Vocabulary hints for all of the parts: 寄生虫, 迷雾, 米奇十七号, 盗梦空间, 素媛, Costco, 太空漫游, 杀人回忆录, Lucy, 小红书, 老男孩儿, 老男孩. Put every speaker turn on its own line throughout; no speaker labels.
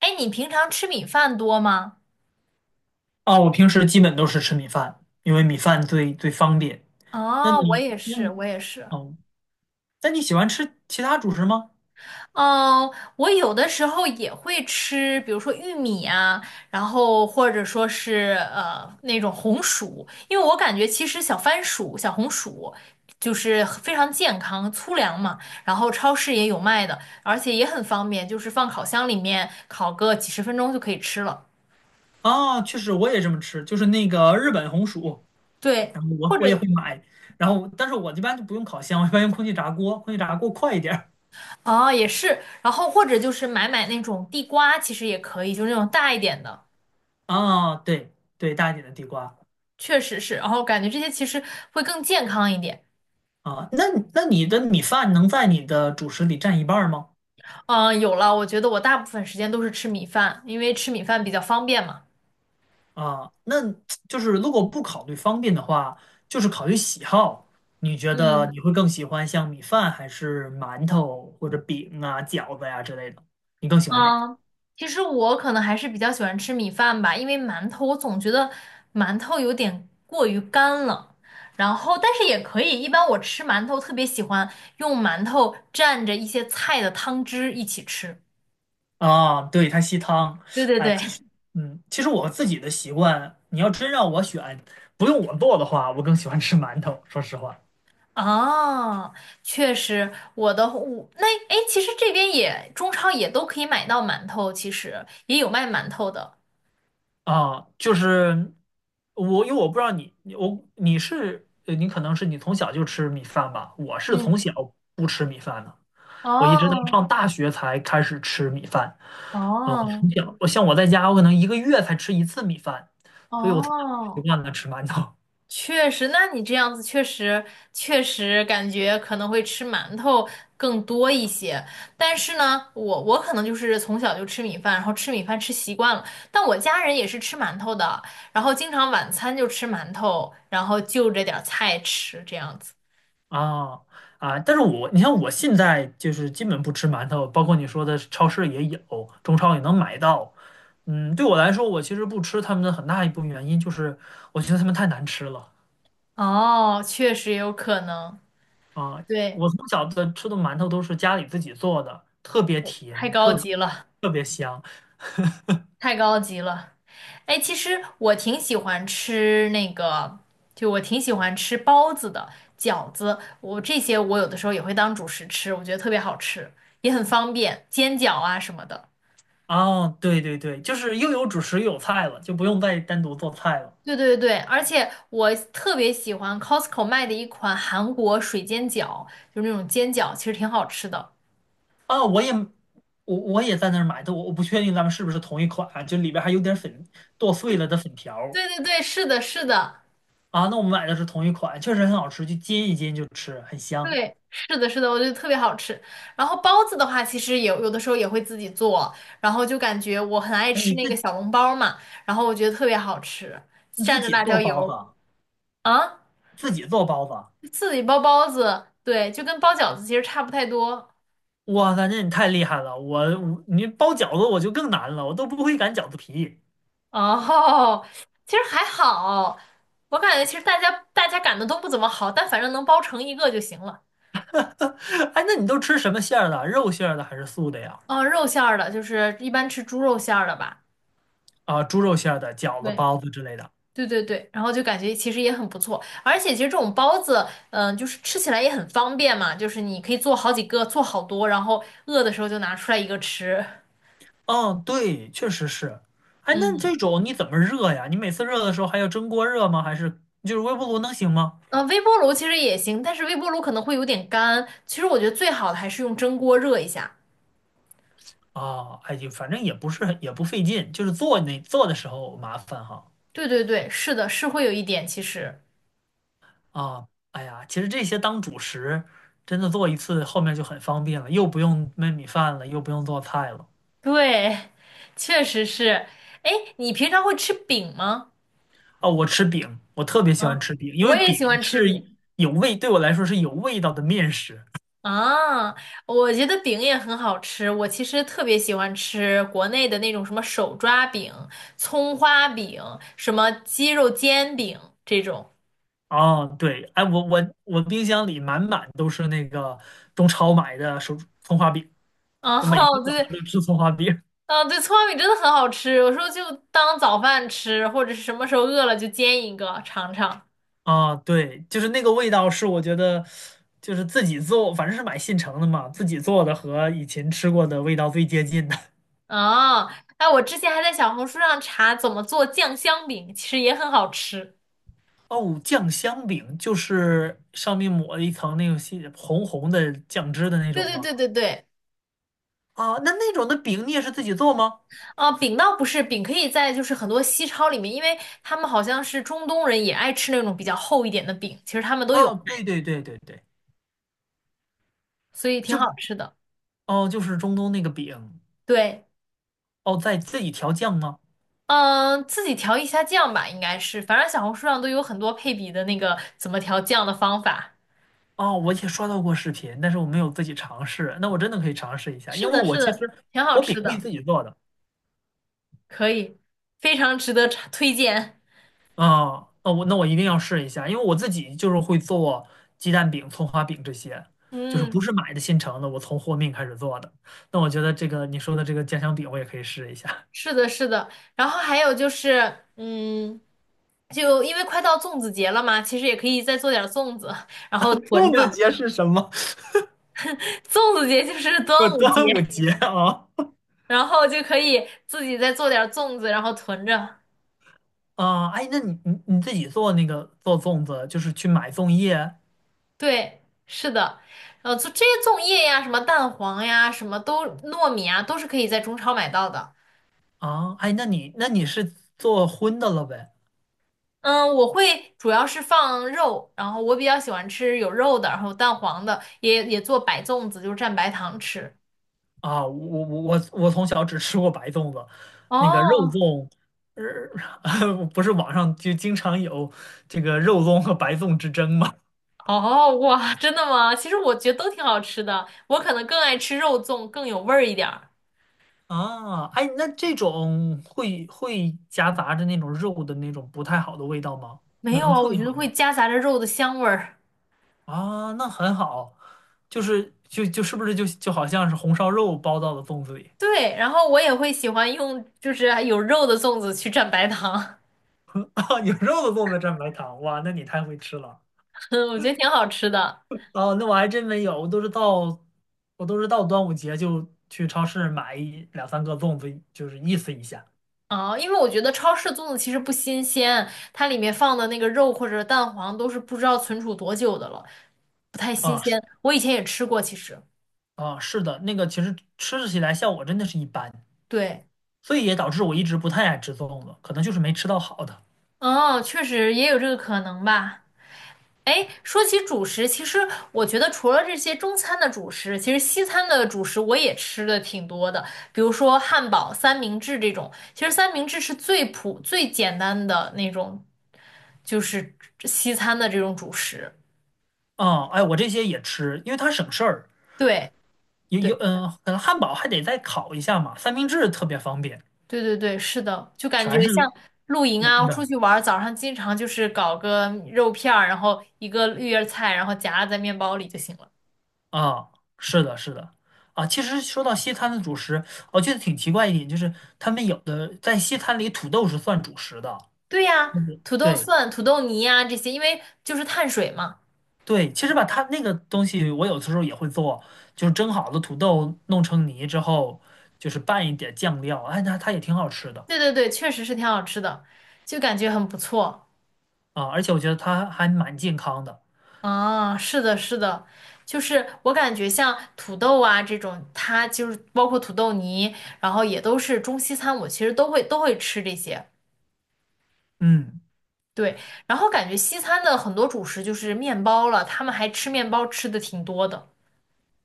哎，你平常吃米饭多吗？
啊，我平时基本都是吃米饭，因为米饭最方便。那
哦，我
你
也
那
是，我也是。
哦，那你喜欢吃其他主食吗？
嗯，我有的时候也会吃，比如说玉米啊，然后或者说是那种红薯，因为我感觉其实小番薯、小红薯就是非常健康、粗粮嘛，然后超市也有卖的，而且也很方便，就是放烤箱里面烤个几十分钟就可以吃了。
啊，确实我也这么吃，就是那个日本红薯，
对，
然后我
或
我
者
也会买，然后但是我一般就不用烤箱，我一般用空气炸锅，空气炸锅快一点儿。
哦，也是，然后或者就是买那种地瓜，其实也可以，就是那种大一点的，
啊，对对，大一点的地瓜
确实是。然后感觉这些其实会更健康一点。
啊，那那你的米饭能在你的主食里占一半儿吗？
嗯，有了，我觉得我大部分时间都是吃米饭，因为吃米饭比较方便嘛。
啊，那就是如果不考虑方便的话，就是考虑喜好。你觉得
嗯
你会更喜欢像米饭还是馒头或者饼啊、饺子呀、之类的？你更喜欢哪个？
嗯，其实我可能还是比较喜欢吃米饭吧，因为馒头我总觉得馒头有点过于干了。然后，但是也可以，一般我吃馒头特别喜欢用馒头蘸着一些菜的汤汁一起吃。
啊，对，它吸汤。
对对
哎，其
对。
实，其实我自己的习惯，你要真让我选，不用我做的话，我更喜欢吃馒头。说实话，
哦，确实，我的我那哎，诶其实这边也中超也都可以买到馒头，其实也有卖馒头的。
啊，就是我，因为我不知道你，你你可能是你从小就吃米饭吧？我是
嗯，
从小不吃米饭的。我一直到
哦
上大学才开始吃米饭。嗯，我
哦
从小，我像我在家，我可能一个月才吃一次米饭，所以我从小习
哦，
惯了吃馒头
确实，那你这样子确实感觉可能会吃馒头更多一些。但是呢，我可能就是从小就吃米饭，然后吃米饭吃习惯了。但我家人也是吃馒头的，然后经常晚餐就吃馒头，然后就着点儿菜吃这样子。
啊啊！但是我，你像我现在就是基本不吃馒头，包括你说的超市也有，中超也能买到。嗯，对我来说，我其实不吃他们的很大一部分原因就是我觉得他们太难吃了
哦，确实有可能，
啊！
对，
我从小的吃的馒头都是家里自己做的，特别
太
甜，
高
特
级了，
特别香。
太高级了。哎，其实我挺喜欢吃那个，就我挺喜欢吃包子的、饺子，我这些我有的时候也会当主食吃，我觉得特别好吃，也很方便，煎饺啊什么的。
哦，对对对，就是又有主食又有菜了，就不用再单独做菜了。
对对对，而且我特别喜欢 Costco 卖的一款韩国水煎饺，就是那种煎饺，其实挺好吃的。
啊、我也我也在那儿买的，我不确定咱们是不是同一款啊，就里边还有点粉，剁碎了的粉条儿
对对对，是的，是的。
啊。那我们买的是同一款，确实很好吃，就煎一煎就吃，很香。
对，是的，是的，我觉得特别好吃。然后包子的话，其实也有的时候也会自己做，然后就感觉我很爱吃
你
那个
自
小笼包嘛，然后我觉得特别好吃，
你自
蘸着
己
辣椒
做包子
油
啊，
啊，
自己做包子啊，
自己包包子，对，就跟包饺子其实差不太多。
哇塞，那你太厉害了！我你包饺子我就更难了，我都不会擀饺子皮。
哦，其实还好，我感觉其实大家擀的都不怎么好，但反正能包成一个就行了。
哎，那你都吃什么馅儿的？肉馅儿的还是素的呀？
哦，肉馅儿的，就是一般吃猪肉馅儿的吧。
啊，猪肉馅儿的、饺子、
对。
包子之类的。
对对对，然后就感觉其实也很不错，而且其实这种包子，嗯、就是吃起来也很方便嘛，就是你可以做好几个，做好多，然后饿的时候就拿出来一个吃。
哦，对，确实是。哎，那
嗯，
这种你怎么热呀？你每次热的时候还要蒸锅热吗？还是就是微波炉能行吗？
微波炉其实也行，但是微波炉可能会有点干，其实我觉得最好的还是用蒸锅热一下。
啊，哎，就反正也不是很也不费劲，就是做那做的时候麻烦哈。
对对对，是的，是会有一点，其实
啊，哎呀，其实这些当主食，真的做一次后面就很方便了，又不用焖米饭了，又不用做菜了。
对，确实是。哎，你平常会吃饼吗？
啊，我吃饼，我特别喜欢
嗯，
吃饼，因
我
为
也
饼
喜欢吃
是
饼。
有味，对我来说是有味道的面食。
啊，我觉得饼也很好吃，我其实特别喜欢吃国内的那种什么手抓饼、葱花饼、什么鸡肉煎饼这种。
哦，对，哎，我冰箱里满满都是那个中超买的手葱花饼，
啊，
我每天 早上
对，
都吃葱花饼。
啊，对，葱花饼真的很好吃，我说就当早饭吃，或者是什么时候饿了就煎一个尝尝。
啊，对，就是那个味道是我觉得，就是自己做，反正是买现成的嘛，自己做的和以前吃过的味道最接近的。
啊，哎，我之前还在小红书上查怎么做酱香饼，其实也很好吃。
哦，酱香饼就是上面抹了一层那种细红红的酱汁的那
对
种
对
吗？
对对对。
啊，那那种的饼你也是自己做吗？
啊，饼倒不是，饼可以在就是很多西超里面，因为他们好像是中东人也爱吃那种比较厚一点的饼，其实他们都有
哦，
卖，
对对对对对，
所以挺
就
好
是
吃的。
哦，就是中东那个饼，
对，
哦，在自己调酱吗？
嗯，自己调一下酱吧，应该是，反正小红书上都有很多配比的那个怎么调酱的方法。
哦，我也刷到过视频，但是我没有自己尝试。那我真的可以尝试一下，因
是
为
的，
我
是
其
的，
实
挺好
我饼
吃
可以
的，
自己做的。
可以，非常值得尝推荐。
啊、那我那我一定要试一下，因为我自己就是会做鸡蛋饼、葱花饼这些，就是不
嗯，
是买的现成的，我从和面开始做的。那我觉得这个你说的这个家香饼，我也可以试一下。
是的，是的。然后还有就是，嗯，就因为快到粽子节了嘛，其实也可以再做点儿粽子，然后 囤
粽子
着。
节是什么？
粽子节就是端
呃，
午节，
端午节啊
然后就可以自己再做点儿粽子，然后囤着。
啊！哎，那你自己做那个做粽子，就是去买粽叶
对，是的，做这些粽叶呀，什么蛋黄呀，什么都糯米啊，都是可以在中超买到的。
啊？哎，那你那你是做荤的了呗？
嗯，我会主要是放肉，然后我比较喜欢吃有肉的，然后蛋黄的，也做白粽子，就是蘸白糖吃。
啊，我从小只吃过白粽子，那个肉
哦
粽，呃，不是网上就经常有这个肉粽和白粽之争吗？
哦，哇，真的吗？其实我觉得都挺好吃的，我可能更爱吃肉粽，更有味儿一点儿。
啊，哎，那这种会夹杂着那种肉的那种不太好的味道吗？
没有
能
啊，
处
我
理
觉得
好吗？
会夹杂着肉的香味儿。
啊，那很好，就是就就是不是就就好像是红烧肉包到了粽子里，
对，然后我也会喜欢用就是有肉的粽子去蘸白糖，
有肉的粽子蘸白糖，哇，那你太会吃了。
我觉得挺好吃的。
哦，那我还真没有，我都是到端午节就去超市买一两三个粽子，就是意思一下。
哦，因为我觉得超市粽子其实不新鲜，它里面放的那个肉或者蛋黄都是不知道存储多久的了，不太新
啊
鲜。
是
我以前也吃过，其实。
啊，是的，那个其实吃起来效果真的是一般，
对，
所以也导致我一直不太爱吃粽子，可能就是没吃到好的。
哦，确实也有这个可能吧。哎，说起主食，其实我觉得除了这些中餐的主食，其实西餐的主食我也吃的挺多的，比如说汉堡、三明治这种。其实三明治是最普、最简单的那种，就是西餐的这种主食。
啊，哎，我这些也吃，因为它省事儿。
对，
有
对，
有，嗯，可能汉堡还得再烤一下嘛，三明治特别方便，
对对对，是的，就感觉
全
像
是
露营
冷
啊，出
的。
去玩儿，早上经常就是搞个肉片儿，然后一个绿叶菜，然后夹在面包里就行了。
啊，是的，是的，啊，其实说到西餐的主食，我觉得挺奇怪一点，就是他们有的在西餐里土豆是算主食的，
对呀，土豆
对
蒜、土豆泥呀、这些，因为就是碳水嘛。
对，其实吧，它那个东西我有的时候也会做，就是蒸好的土豆弄成泥之后，就是拌一点酱料，哎，那它也挺好吃的
对对对，确实是挺好吃的，就感觉很不错。
啊，而且我觉得它还蛮健康的，
啊，是的，是的，就是我感觉像土豆啊这种，它就是包括土豆泥，然后也都是中西餐，我其实都会吃这些。
嗯，
对，然后感觉西餐的很多主食就是面包了，他们还吃面包吃的挺多的。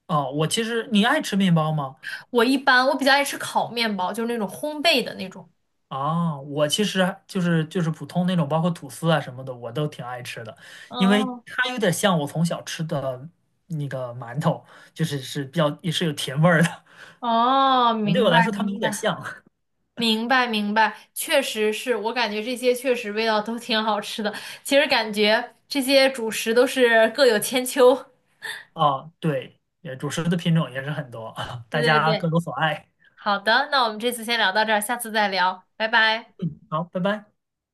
哦，我其实你爱吃面包吗？
我一般比较爱吃烤面包，就是那种烘焙的那种。
啊，我其实就是普通那种，包括吐司啊什么的，我都挺爱吃的，因为
哦
它有点像我从小吃的那个馒头，就是是比较也是有甜味儿的。
哦，
对
明
我
白
来说，它们
明
有点
白。
像
明白明白，确实是我感觉这些确实味道都挺好吃的。其实感觉这些主食都是各有千秋。
啊。对，也主食的品种也是很多，
对
大
对
家各
对，
有所爱。
好的，那我们这次先聊到这儿，下次再聊，拜拜。
好，拜拜。